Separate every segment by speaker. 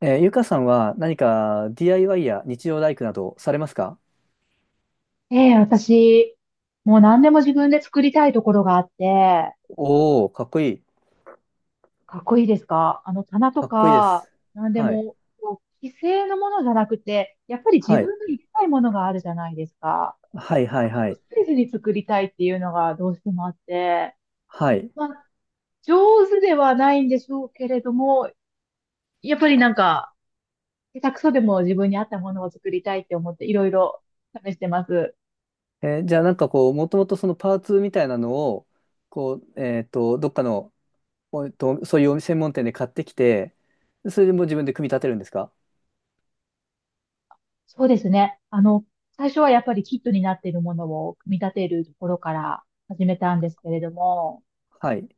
Speaker 1: ゆかさんは何か DIY や日曜大工などされますか？
Speaker 2: ええ、私、もう何でも自分で作りたいところがあって、
Speaker 1: おおー、かっこいい。
Speaker 2: かっこいいですか？あの棚と
Speaker 1: かっこいいで
Speaker 2: か、
Speaker 1: す。
Speaker 2: 何で
Speaker 1: はい。
Speaker 2: も、こう、既成のものじゃなくて、やっぱり自
Speaker 1: はい。
Speaker 2: 分の行きたいものがあるじゃないですか。
Speaker 1: はいはいは
Speaker 2: ス
Speaker 1: い。
Speaker 2: テージに作りたいっていうのがどうしてもあって、
Speaker 1: はい。
Speaker 2: まあ、上手ではないんでしょうけれども、やっぱりなんか、下手くそでも自分に合ったものを作りたいって思って、いろいろ試してます。
Speaker 1: じゃあなんかこう、もともとそのパーツみたいなのを、こう、どっかの、おえっと、そういう専門店で買ってきて、それでもう自分で組み立てるんですか？
Speaker 2: そうですね。最初はやっぱりキットになっているものを組み立てるところから始めたんですけれども、
Speaker 1: はい。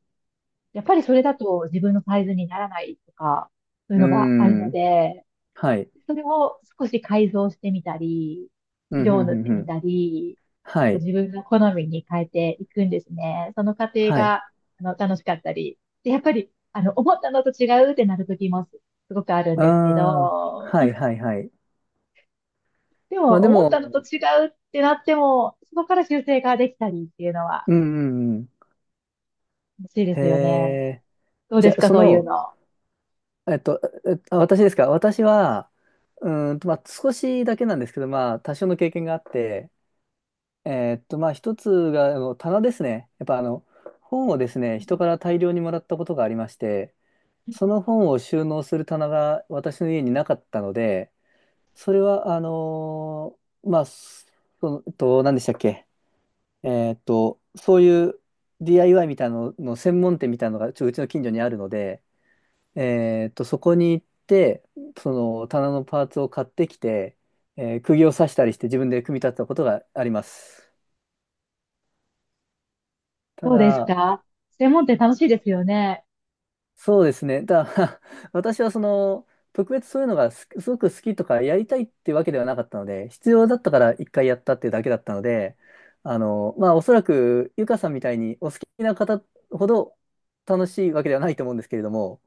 Speaker 2: やっぱりそれだと自分のサイズにならないとか、そういう
Speaker 1: うー
Speaker 2: のがあるの
Speaker 1: ん。
Speaker 2: で、
Speaker 1: はい。
Speaker 2: それを少し改造してみたり、
Speaker 1: うん、ふ
Speaker 2: 色を
Speaker 1: ん
Speaker 2: 塗
Speaker 1: ふ
Speaker 2: っ
Speaker 1: ん
Speaker 2: て
Speaker 1: ふ
Speaker 2: み
Speaker 1: ん。
Speaker 2: たり、
Speaker 1: はい。
Speaker 2: 自分の好みに変えていくんですね。その過程
Speaker 1: はい。
Speaker 2: が、楽しかったり。で、やっぱり、思ったのと違うってなる時もすごくあるん
Speaker 1: あ
Speaker 2: ですけ
Speaker 1: あ、
Speaker 2: ど、
Speaker 1: はいはいはい。
Speaker 2: で
Speaker 1: まあ
Speaker 2: も、
Speaker 1: で
Speaker 2: 思ったのと
Speaker 1: も、
Speaker 2: 違うってなっても、そこから修正ができたりっていうのは、
Speaker 1: うんうんうん。
Speaker 2: 楽しいで
Speaker 1: へ
Speaker 2: すよね。
Speaker 1: え。
Speaker 2: どう
Speaker 1: じ
Speaker 2: で
Speaker 1: ゃ
Speaker 2: す
Speaker 1: あ、
Speaker 2: か、
Speaker 1: そ
Speaker 2: そういう
Speaker 1: の、
Speaker 2: の。
Speaker 1: えっと、私ですか？私は、まあ、少しだけなんですけど、まあ、多少の経験があって、まあ、一つが、あの、棚ですね。やっぱ、あの、本をですね、人から大量にもらったことがありまして、その本を収納する棚が私の家になかったので、それは、まあ、その、何でしたっけ？そういう DIY みたいなのの専門店みたいなのが、うちの近所にあるので、そこに行って、その棚のパーツを買ってきて、釘を刺したりして自分で組み立てたことがあります。た
Speaker 2: どうです
Speaker 1: だ、
Speaker 2: か？専門店楽しいですよね。
Speaker 1: そうですね。ただ、私はその、特別そういうのがすごく好きとかやりたいってわけではなかったので、必要だったから一回やったっていうだけだったので、あの、まあ、おそらく、ゆかさんみたいにお好きな方ほど楽しいわけではないと思うんですけれども、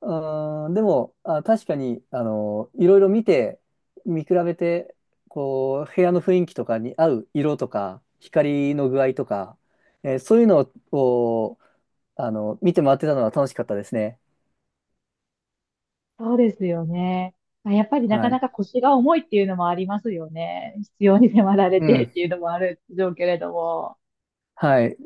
Speaker 1: うん、でも、あ、確かに、あの、いろいろ見て、見比べて、こう、部屋の雰囲気とかに合う色とか、光の具合とか、そういうのを、あの、見て回ってたのは楽しかったですね。
Speaker 2: そうですよね。まあ、やっぱりなか
Speaker 1: は
Speaker 2: な
Speaker 1: い。
Speaker 2: か腰が重いっていうのもありますよね。必要に迫られ
Speaker 1: う
Speaker 2: てっ
Speaker 1: ん。
Speaker 2: ていうのもあるでしょうけれども。
Speaker 1: はい。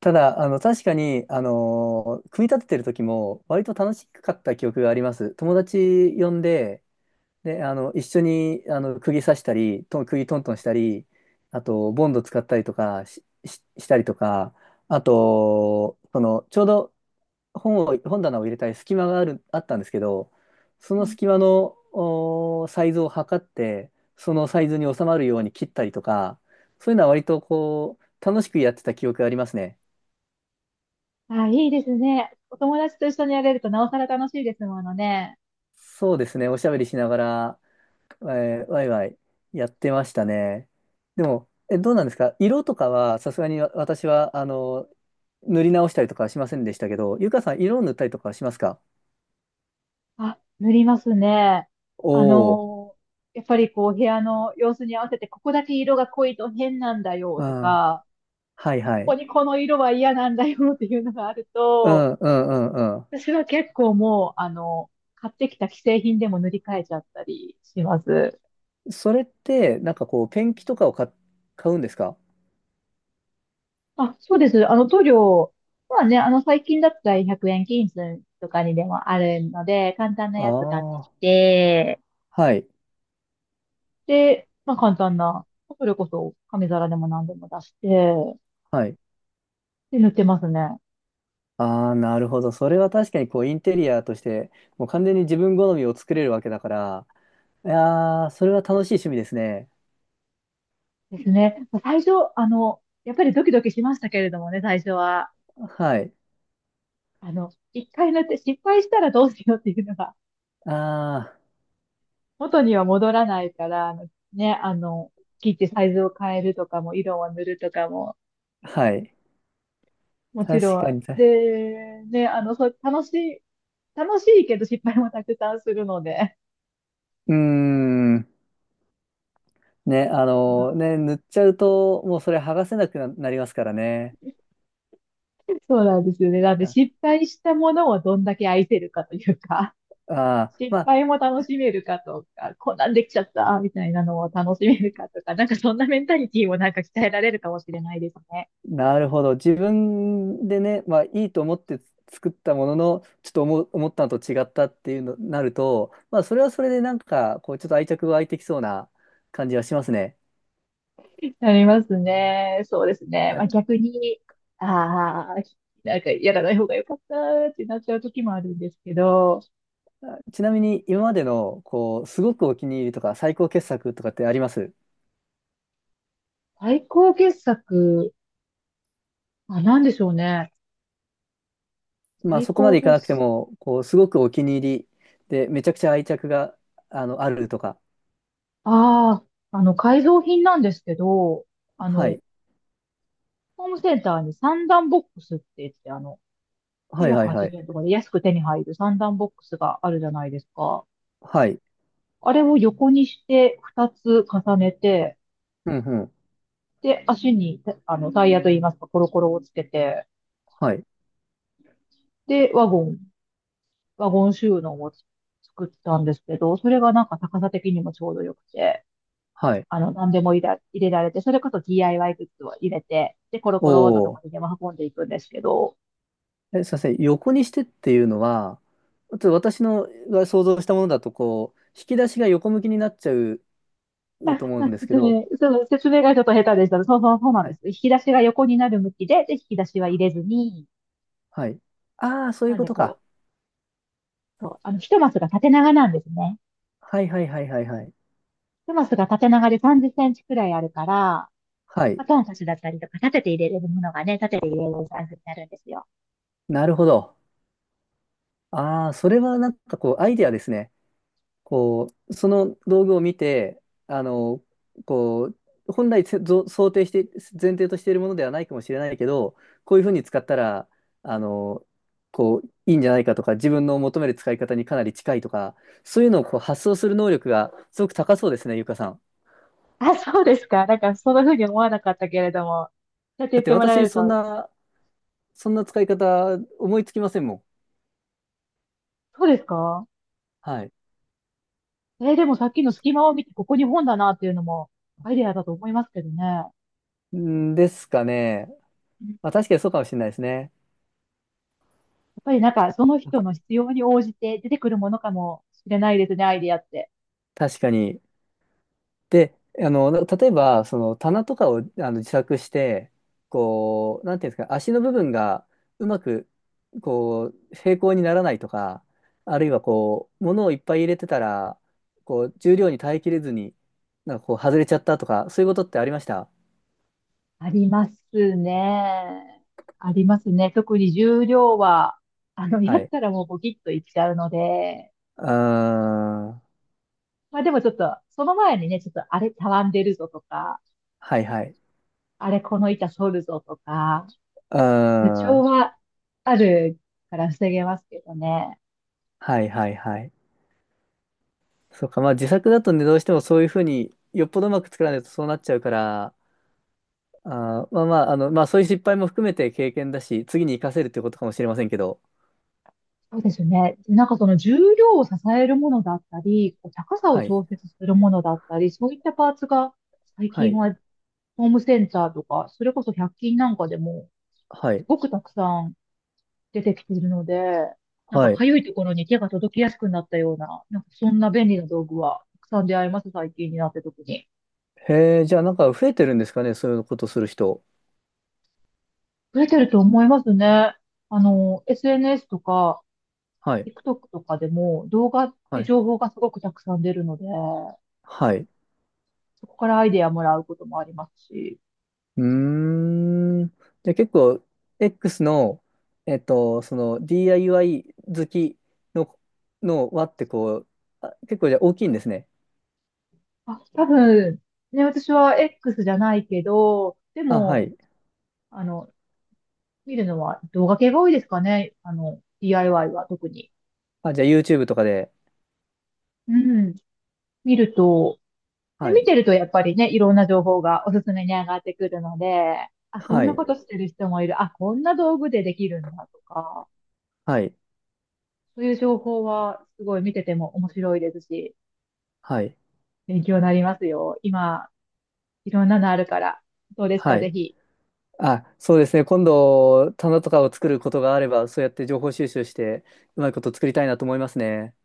Speaker 1: ただ、あの、確かに、あの、組み立ててる時も、割と楽しかった記憶があります。友達呼んで、で、あの、一緒に、あの、釘刺したり、釘トントンしたり、あと、ボンド使ったりとかしたりとか、あと、その、ちょうど本棚を入れたり隙間があったんですけど、そ
Speaker 2: う
Speaker 1: の
Speaker 2: ん。
Speaker 1: 隙間の、サイズを測って、そのサイズに収まるように切ったりとか、そういうのは割とこう、楽しくやってた記憶がありますね。
Speaker 2: あ、いいですね。お友達と一緒にやれるとなおさら楽しいですものね。
Speaker 1: そうですね、おしゃべりしながら、ワイワイやってましたね。でも、どうなんですか？色とかは、さすがに私は、あの、塗り直したりとかはしませんでしたけど、ゆかさん、色を塗ったりとかはしますか？
Speaker 2: あ、塗りますね。あ
Speaker 1: おおー、
Speaker 2: のーやっぱりこう、部屋の様子に合わせて、ここだけ色が濃いと変なんだよ
Speaker 1: あ
Speaker 2: と
Speaker 1: ー
Speaker 2: か、
Speaker 1: はいは
Speaker 2: ここ
Speaker 1: い。
Speaker 2: にこの色は嫌なんだよっていうのがある
Speaker 1: う
Speaker 2: と、
Speaker 1: んうんうんう
Speaker 2: 私は結構もう、買ってきた既製品でも塗り替えちゃったりします。
Speaker 1: ん。それって、なんかこう、ペンキとかを買うんですか？
Speaker 2: あ、そうです。塗料はね、最近だったら100円均一とかにでもあるので、簡単な
Speaker 1: あ
Speaker 2: やつ買ってき
Speaker 1: あー、
Speaker 2: て、
Speaker 1: はい、
Speaker 2: で、まあ簡単な、それこそ紙皿でも何でも出して、
Speaker 1: はい。
Speaker 2: で、塗ってますね。
Speaker 1: ああ、なるほど。それは確かにこう、インテリアとして、もう完全に自分好みを作れるわけだから、いやー、それは楽しい趣味ですね。
Speaker 2: ですね。最初、やっぱりドキドキしましたけれどもね、最初は。
Speaker 1: はい。
Speaker 2: 一回塗って失敗したらどうしようっていうのが、
Speaker 1: ああ。
Speaker 2: 元には戻らないから、ね、あの、切ってサイズを変えるとかも、色を塗るとかも、
Speaker 1: はい。
Speaker 2: もち
Speaker 1: 確
Speaker 2: ろ
Speaker 1: か
Speaker 2: ん。
Speaker 1: に、確か
Speaker 2: で、ね、そう、楽しいけど失敗もたくさんするので。はい。
Speaker 1: に。うーん。ね、ね、塗っちゃうと、もうそれ剥がせなくなりますからね。
Speaker 2: そうなんですよね。なんで失
Speaker 1: あ
Speaker 2: 敗したものをどんだけ愛せるかというか。
Speaker 1: あー、ま
Speaker 2: 失
Speaker 1: あ、
Speaker 2: 敗も楽しめるかとか、こんなんできちゃったみたいなのを楽しめるかとか、なんかそんなメンタリティもなんか鍛えられるかもしれないですね。
Speaker 1: なるほど。自分でね、まあ、いいと思って作ったものの、ちょっと思ったのと違ったっていうのになると、まあ、それはそれでなんか、こう、ちょっと愛着が湧いてきそうな感じはしますね。
Speaker 2: なりますね。そうですね。まあ、
Speaker 1: あ
Speaker 2: 逆に、ああ、なんかやらない方が良かったってなっちゃう時もあるんですけど、
Speaker 1: ちなみに、今までの、こう、すごくお気に入りとか、最高傑作とかってあります？
Speaker 2: 最高傑作、あ、なんでしょうね。
Speaker 1: まあ
Speaker 2: 最
Speaker 1: そこま
Speaker 2: 高
Speaker 1: でいか
Speaker 2: 傑
Speaker 1: なくて
Speaker 2: 作、
Speaker 1: も、こう、すごくお気に入りで、めちゃくちゃ愛着が、あの、あるとか。
Speaker 2: ああ、改造品なんですけど、あ
Speaker 1: は
Speaker 2: の、
Speaker 1: い。
Speaker 2: ホームセンターに三段ボックスって言って、
Speaker 1: はいはい
Speaker 2: 980
Speaker 1: はい。
Speaker 2: 円とかで安く手に入る三段ボックスがあるじゃないですか。
Speaker 1: はい。
Speaker 2: あれを横にして2つ重ねて、
Speaker 1: うんうん。
Speaker 2: で、足にあのタイヤといいますか、コロコロをつけて、
Speaker 1: はい。
Speaker 2: で、ワゴン収納を作ったんですけど、それがなんか高さ的にもちょうどよくて、
Speaker 1: はい。
Speaker 2: 何でも入れられて、それこそ DIY グッズを入れて、で、コロ
Speaker 1: お
Speaker 2: コロっとどこ
Speaker 1: お。
Speaker 2: にでも運んでいくんですけど、
Speaker 1: すいません。横にしてっていうのは、ちょっと私のが想像したものだと、こう、引き出しが横向きになっちゃう
Speaker 2: あ、
Speaker 1: と思うんですけど、
Speaker 2: その説明がちょっと下手でした。そうそうそうなん
Speaker 1: は
Speaker 2: です。
Speaker 1: い。
Speaker 2: 引き出しが横になる向きで、で、引き出しは入れずに、
Speaker 1: はい。ああ、そうい
Speaker 2: な
Speaker 1: う
Speaker 2: ん
Speaker 1: こ
Speaker 2: で
Speaker 1: と
Speaker 2: こ
Speaker 1: か。
Speaker 2: う、そう、一マスが縦長なんですね。
Speaker 1: はいはいはいはいはい。
Speaker 2: 一マスが縦長で30センチくらいあるから、ま
Speaker 1: はい。
Speaker 2: あ、トンカチだったりとか、立てて入れれるものがね、立てて入れれるサイズになるんですよ。
Speaker 1: なるほど。ああ、それはなんかこう、アイデアですね。こう、その道具を見て、あの、こう、本来想定して、前提としているものではないかもしれないけど、こういうふうに使ったら、あの、こう、いいんじゃないかとか、自分の求める使い方にかなり近いとか、そういうのをこう発想する能力がすごく高そうですね、ゆかさん。
Speaker 2: あ、そうですか。なんか、そんな風に思わなかったけれども、そうやって
Speaker 1: だ
Speaker 2: 言っ
Speaker 1: って
Speaker 2: てもらえ
Speaker 1: 私、
Speaker 2: る
Speaker 1: そん
Speaker 2: と、
Speaker 1: な、そんな使い方思いつきませんもん。
Speaker 2: そうですか？
Speaker 1: はい。
Speaker 2: でもさっきの隙間を見て、ここに本だなっていうのも、アイデアだと思いますけどね。
Speaker 1: んですかね。
Speaker 2: うん。や
Speaker 1: まあ、確かにそうかもしれないですね。
Speaker 2: っぱりなんか、その人の必要に応じて出てくるものかもしれないですね、アイデアって。
Speaker 1: 確かに。で、あの、例えば、その棚とかをあの自作して、こう、なんていうんですか、足の部分がうまく、こう、平行にならないとか、あるいはこう、物をいっぱい入れてたら、こう、重量に耐えきれずに、なんかこう、外れちゃったとか、そういうことってありました？
Speaker 2: ありますね。ありますね。特に重量は、や
Speaker 1: は
Speaker 2: っ
Speaker 1: い。
Speaker 2: たらもうボキッといっちゃうので、
Speaker 1: うーん。
Speaker 2: まあでもちょっと、その前にね、ちょっとあれたわんでるぞとか、
Speaker 1: はいはい。
Speaker 2: あれこの板反るぞとか、
Speaker 1: うー
Speaker 2: 予兆
Speaker 1: ん。
Speaker 2: はあるから防げますけどね。
Speaker 1: はいはいはい。そうか、まあ自作だとね、どうしてもそういうふうに、よっぽどうまく作らないとそうなっちゃうから、あー、まあまあ、あの、まあそういう失敗も含めて経験だし、次に活かせるってことかもしれませんけど。
Speaker 2: そうですね。でなんかその重量を支えるものだったり、こう高さを
Speaker 1: はい。
Speaker 2: 調節するものだったり、そういったパーツが最
Speaker 1: は
Speaker 2: 近
Speaker 1: い。
Speaker 2: はホームセンターとか、それこそ百均なんかでも、
Speaker 1: は
Speaker 2: す
Speaker 1: い。
Speaker 2: ごくたくさん出てきているので、なんか
Speaker 1: はい。
Speaker 2: 痒いところに手が届きやすくなったような、なんかそんな便利な道具はたくさん出会います、最近になって特に。
Speaker 1: へえ、じゃあなんか増えてるんですかね、そういうことする人。
Speaker 2: 増えてると思いますね。SNS とか、
Speaker 1: はい。
Speaker 2: TikTok とかでも動画っ
Speaker 1: は
Speaker 2: て
Speaker 1: い。
Speaker 2: 情報がすごくたくさん出るので、
Speaker 1: はい。
Speaker 2: そこからアイデアもらうこともありますし、
Speaker 1: うーん。じゃあ結構、X の、その DIY 好きの、の輪ってこう、あ、結構じゃあ大きいんですね。
Speaker 2: あ、多分、ね、私は X じゃないけど、で
Speaker 1: あ、は
Speaker 2: も、
Speaker 1: い。
Speaker 2: あの、見るのは動画系が多いですかね。DIY は特に。
Speaker 1: あ、じゃあ YouTube とかで。
Speaker 2: うん。見ると、で、
Speaker 1: は
Speaker 2: 見
Speaker 1: い。
Speaker 2: てるとやっぱりね、いろんな情報がおすすめに上がってくるので、あ、こ
Speaker 1: は
Speaker 2: んな
Speaker 1: い。
Speaker 2: ことしてる人もいる。あ、こんな道具でできるんだとか、
Speaker 1: はい。
Speaker 2: そういう情報はすごい見てても面白いですし、
Speaker 1: はい。
Speaker 2: 勉強になりますよ。今、いろんなのあるから。どうです
Speaker 1: は
Speaker 2: か、ぜ
Speaker 1: い。
Speaker 2: ひ。
Speaker 1: あ、そうですね。今度、棚とかを作ることがあれば、そうやって情報収集して、うまいこと作りたいなと思いますね。